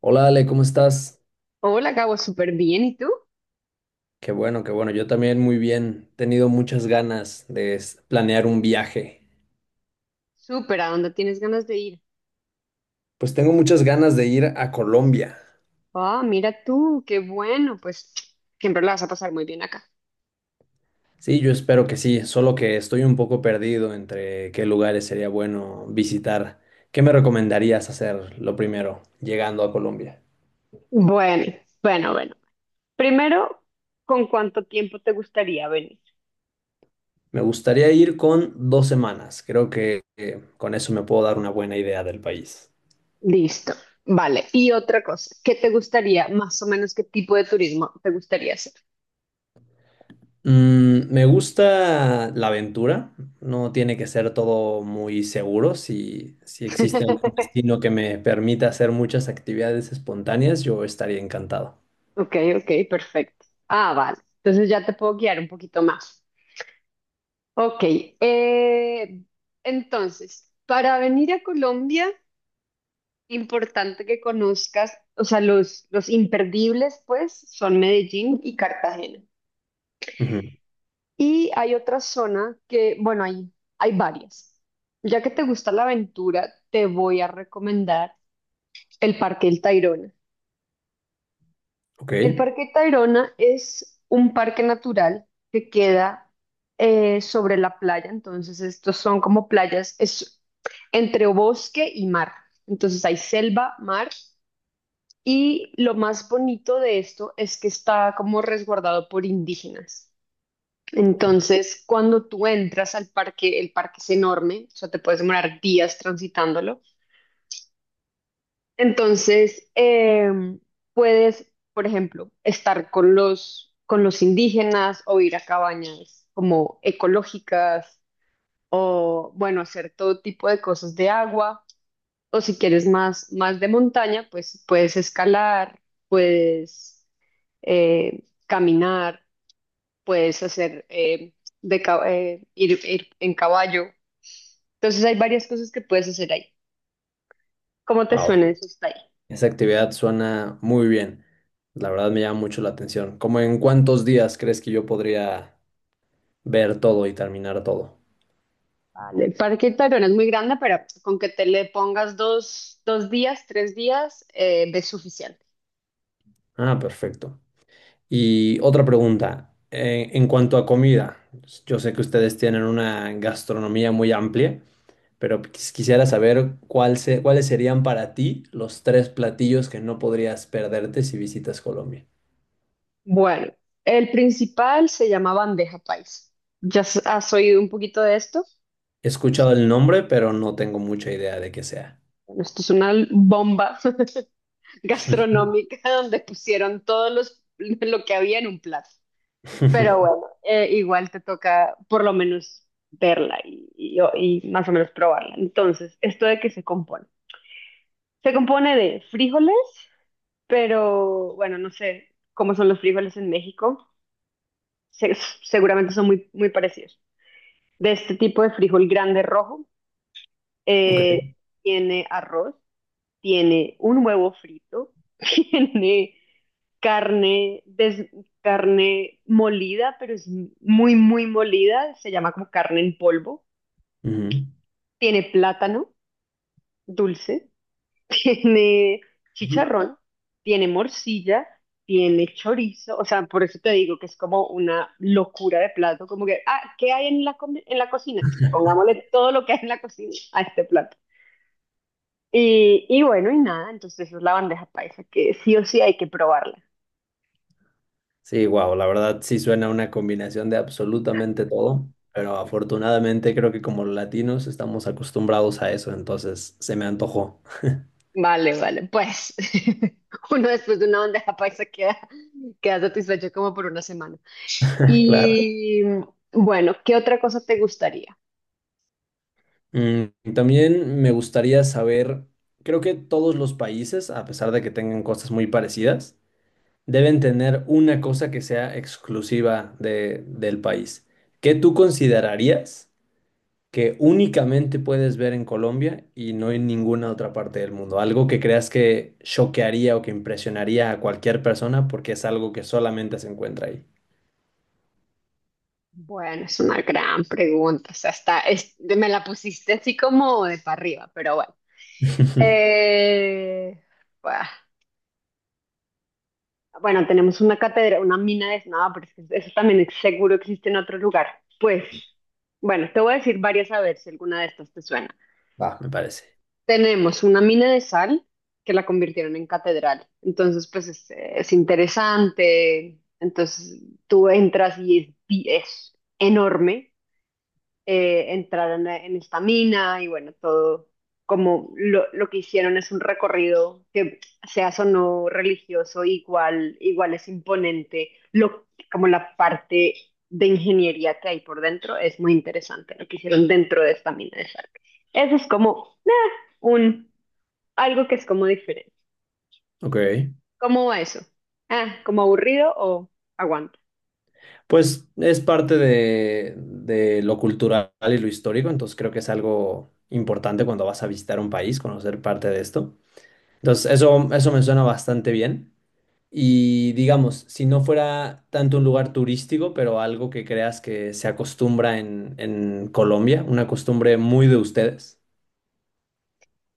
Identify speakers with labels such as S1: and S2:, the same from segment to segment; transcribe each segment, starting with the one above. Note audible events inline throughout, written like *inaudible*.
S1: Hola Ale, ¿cómo estás?
S2: Hola, Gabo, súper bien. ¿Y tú?
S1: Qué bueno, qué bueno. Yo también muy bien. He tenido muchas ganas de planear un viaje.
S2: Súper, ¿a dónde tienes ganas de ir?
S1: Pues tengo muchas ganas de ir a Colombia.
S2: Ah, mira tú, qué bueno, pues siempre la vas a pasar muy bien acá.
S1: Sí, yo espero que sí, solo que estoy un poco perdido entre qué lugares sería bueno visitar. ¿Qué me recomendarías hacer lo primero llegando a Colombia?
S2: Bueno, bueno, bueno. Primero, ¿con cuánto tiempo te gustaría venir?
S1: Me gustaría ir con 2 semanas. Creo que con eso me puedo dar una buena idea del país.
S2: Listo, vale. Y otra cosa, ¿qué te gustaría, más o menos qué tipo de turismo te gustaría hacer?
S1: Me gusta la aventura, no tiene que ser todo muy seguro. Si existe algún
S2: *laughs*
S1: destino que me permita hacer muchas actividades espontáneas, yo estaría encantado.
S2: Ok, ok, perfecto. Ah, vale. Entonces ya te puedo guiar un poquito más. Ok, eh, entonces, para venir a Colombia... Importante que conozcas, o sea, los imperdibles, pues, son Medellín y Cartagena.
S1: Ujú.
S2: Y hay otra zona que, bueno, hay varias. Ya que te gusta la aventura, te voy a recomendar el Parque El Tayrona.
S1: Ok.
S2: El Parque Tayrona es un parque natural que queda sobre la playa, entonces estos son como playas, es entre bosque y mar. Entonces hay selva, mar. Y lo más bonito de esto es que está como resguardado por indígenas. Entonces, cuando tú entras al parque, el parque es enorme, o sea, te puedes demorar días transitándolo. Entonces, puedes, por ejemplo, estar con los indígenas o ir a cabañas como ecológicas o, bueno, hacer todo tipo de cosas de agua. O si quieres más, más de montaña, pues puedes escalar, puedes caminar, puedes hacer ir en caballo. Entonces hay varias cosas que puedes hacer ahí. ¿Cómo te
S1: Wow,
S2: suena eso está ahí?
S1: esa actividad suena muy bien. La verdad me llama mucho la atención. ¿Cómo en cuántos días crees que yo podría ver todo y terminar todo?
S2: Vale, el Parque Tayrona es muy grande, pero con que te le pongas dos, dos días, tres días, es suficiente.
S1: Ah, perfecto. Y otra pregunta, en cuanto a comida, yo sé que ustedes tienen una gastronomía muy amplia, pero quisiera saber cuál cuáles serían para ti los tres platillos que no podrías perderte si visitas Colombia.
S2: Bueno, el principal se llama bandeja paisa. ¿Ya s- has oído un poquito de esto?
S1: He escuchado el nombre, pero no tengo mucha idea de qué sea.
S2: Bueno, esto es una bomba *laughs* gastronómica donde pusieron todo los, lo que había en un plato. Pero
S1: *laughs*
S2: bueno, igual te toca por lo menos verla y, y más o menos probarla. Entonces, ¿esto de qué se compone? Se compone de frijoles, pero bueno, no sé cómo son los frijoles en México. Se- seguramente son muy, muy parecidos. De este tipo de frijol grande rojo,
S1: Ok.
S2: eh, tiene arroz, tiene un huevo frito, *laughs* tiene carne, des- carne molida, pero es muy, muy molida, se llama como carne en polvo,
S1: Ujú.
S2: tiene plátano dulce, *laughs* tiene
S1: Ujú.
S2: chicharrón, tiene morcilla, tiene chorizo, o sea, por eso te digo que es como una locura de plato, como que, ah, ¿qué hay en la, comi- en la cocina? Pongámosle todo lo que hay en la cocina *laughs* a este plato. Y bueno, y nada, entonces esa es la bandeja paisa, que sí o sí hay que probarla.
S1: Sí, wow, la verdad sí suena una combinación de absolutamente todo, pero afortunadamente creo que como latinos estamos acostumbrados a eso, entonces se me antojó.
S2: Vale, vale. Pues *laughs* uno después de una bandeja paisa queda, queda satisfecho como por una semana.
S1: *laughs* Claro.
S2: Y bueno, ¿qué otra cosa te gustaría?
S1: También me gustaría saber, creo que todos los países, a pesar de que tengan cosas muy parecidas, deben tener una cosa que sea exclusiva del país. ¿Qué tú considerarías que únicamente puedes ver en Colombia y no en ninguna otra parte del mundo? Algo que creas que choquearía o que impresionaría a cualquier persona porque es algo que solamente se encuentra ahí.
S2: Bueno, es una gran pregunta. O sea, está, es- me la pusiste así como de para arriba, pero bueno.
S1: *laughs*
S2: Eh, bah, bueno, tenemos una cátedra, una mina de nada, pero es que eso también es- seguro existe en otro lugar. Pues, bueno, te voy a decir varias a ver si alguna de estas te suena.
S1: Va, me parece.
S2: Tenemos una mina de sal que la convirtieron en catedral. Entonces, pues es interesante. Entonces, tú entras y es, bi- es enorme, entraron a- en esta mina y bueno, todo como lo que hicieron es un recorrido que seas o no religioso, igual, igual es imponente, lo, como la parte de ingeniería que hay por dentro es muy interesante, lo que hicieron dentro de esta mina de sal. Eso es como un, algo que es como diferente.
S1: Ok.
S2: ¿Cómo va eso? Ah, ¿como aburrido o aguanto?
S1: Pues es parte de lo cultural y lo histórico, entonces creo que es algo importante cuando vas a visitar un país, conocer parte de esto. Entonces, eso me suena bastante bien. Y digamos, si no fuera tanto un lugar turístico, pero algo que creas que se acostumbra en Colombia, una costumbre muy de ustedes.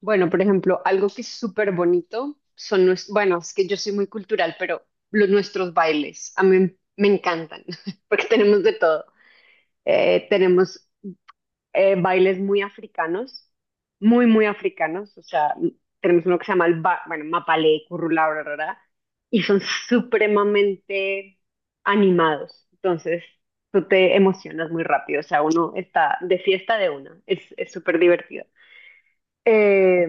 S2: Bueno, por ejemplo, algo que es súper bonito son nuestros, bueno, es que yo soy muy cultural, pero los nuestros bailes a mí me encantan *laughs* porque tenemos de todo. Tenemos bailes muy africanos, muy, muy africanos. O sea, tenemos uno que se llama el ba- bueno, mapalé, currulá, bla, bla, bla, y son supremamente animados. Entonces, tú te emocionas muy rápido. O sea, uno está de fiesta de una. Es súper divertido. Eh,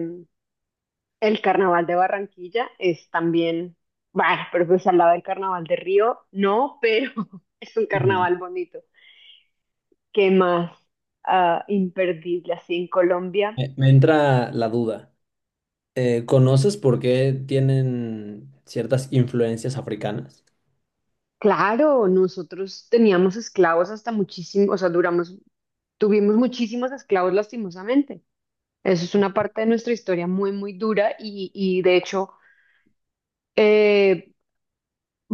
S2: el carnaval de Barranquilla es también, bueno, pero pues al lado del carnaval de Río, no, pero *laughs* es un
S1: Ujú.
S2: carnaval bonito. ¿Qué más? Ah, imperdible así en Colombia.
S1: Me entra la duda. ¿Conoces por qué tienen ciertas influencias africanas?
S2: Claro, nosotros teníamos esclavos hasta muchísimo, o sea, duramos, tuvimos muchísimos esclavos lastimosamente. Eso es una parte de nuestra historia muy, muy dura y de hecho, eh,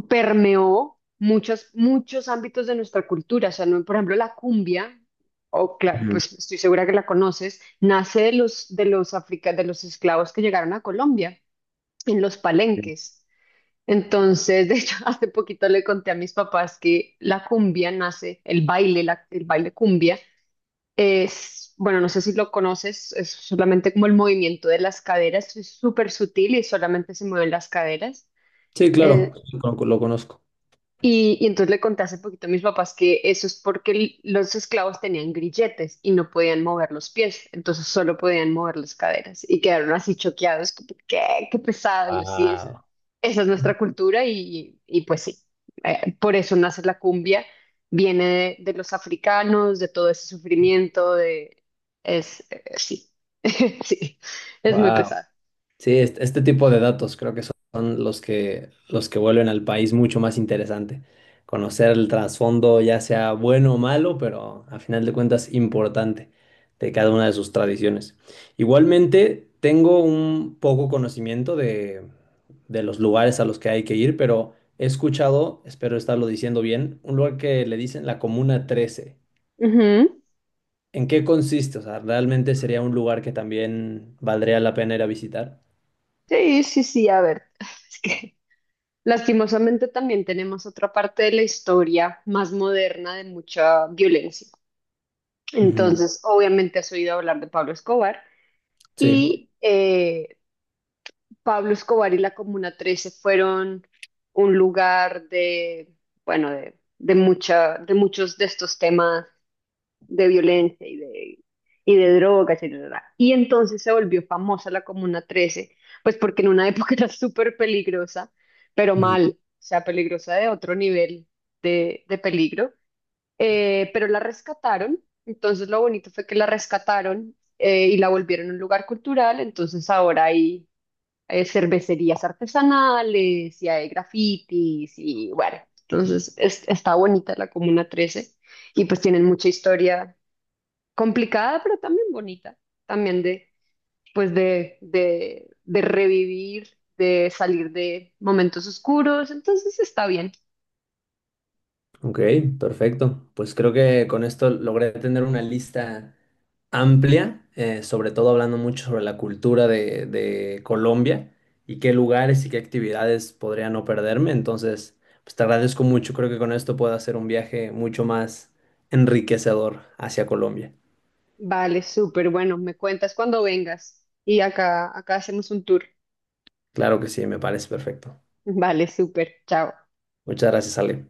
S2: permeó muchos, muchos ámbitos de nuestra cultura. O sea, no, por ejemplo, la cumbia, o cla-
S1: Ujú.
S2: pues estoy segura que la conoces, nace de los africa- de los esclavos que llegaron a Colombia, en los palenques. Entonces, de hecho, *laughs* hace poquito le conté a mis papás que la cumbia nace, el baile, la- el baile cumbia, es, bueno, no sé si lo conoces, es solamente como el movimiento de las caderas, es súper sutil y solamente se mueven las caderas.
S1: Sí, claro,
S2: Eh,
S1: lo conozco.
S2: Y entonces le conté hace poquito a mis papás que eso es porque l- los esclavos tenían grilletes y no podían mover los pies, entonces solo podían mover las caderas y quedaron así choqueados, como, ¿qué? Qué pesado. Y yo sí, es- esa es nuestra cultura y pues sí, por eso nace la cumbia, viene de los africanos, de todo ese sufrimiento, de... es, sí, *laughs* sí, es muy
S1: Wow.
S2: pesado.
S1: Sí, este tipo de datos creo que son los que vuelven al país mucho más interesante. Conocer el trasfondo, ya sea bueno o malo, pero a final de cuentas importante de cada una de sus tradiciones. Igualmente, tengo un poco conocimiento de los lugares a los que hay que ir, pero he escuchado, espero estarlo diciendo bien, un lugar que le dicen la Comuna 13.
S2: Ujú.
S1: ¿En qué consiste? O sea, ¿realmente sería un lugar que también valdría la pena ir a visitar?
S2: Sí, sí, sí, a ver, *laughs* *sighs* es que... Lastimosamente también tenemos otra parte de la historia más moderna de mucha violencia.
S1: Ujú.
S2: Entonces, obviamente has oído hablar de
S1: Sí.
S2: y eh, Pablo Escobar y la Comuna 13 fueron un lugar de, bueno, de mucha, de muchos de estos temas de violencia y de drogas. Y, bla, bla, y entonces se volvió famosa la Comuna 13, pues porque en una *laughs* época era súper peligrosa, pero
S1: Mm.
S2: mal, o sea, peligrosa de otro nivel de peligro. Pero la rescataron, entonces lo bonito fue que la rescataron, y la volvieron un lugar cultural, entonces ahora hay cervecerías artesanales y hay grafitis y bueno, entonces es- está bonita la Comuna 13 y pues tienen mucha historia complicada, pero también bonita, también de, pues de revivir, de salir de momentos oscuros, entonces está bien.
S1: Ok, perfecto. Pues creo que con esto logré tener una lista amplia, sobre todo hablando mucho sobre la cultura de Colombia y qué lugares y qué actividades podría no perderme. Entonces, pues te agradezco mucho. Creo que con esto puedo hacer un viaje mucho más enriquecedor hacia Colombia.
S2: Vale, súper, bueno, me cuentas cuando vengas y acá, acá hacemos un tour.
S1: Claro que sí, me parece perfecto.
S2: Vale, súper, chao.
S1: Muchas gracias, Ale.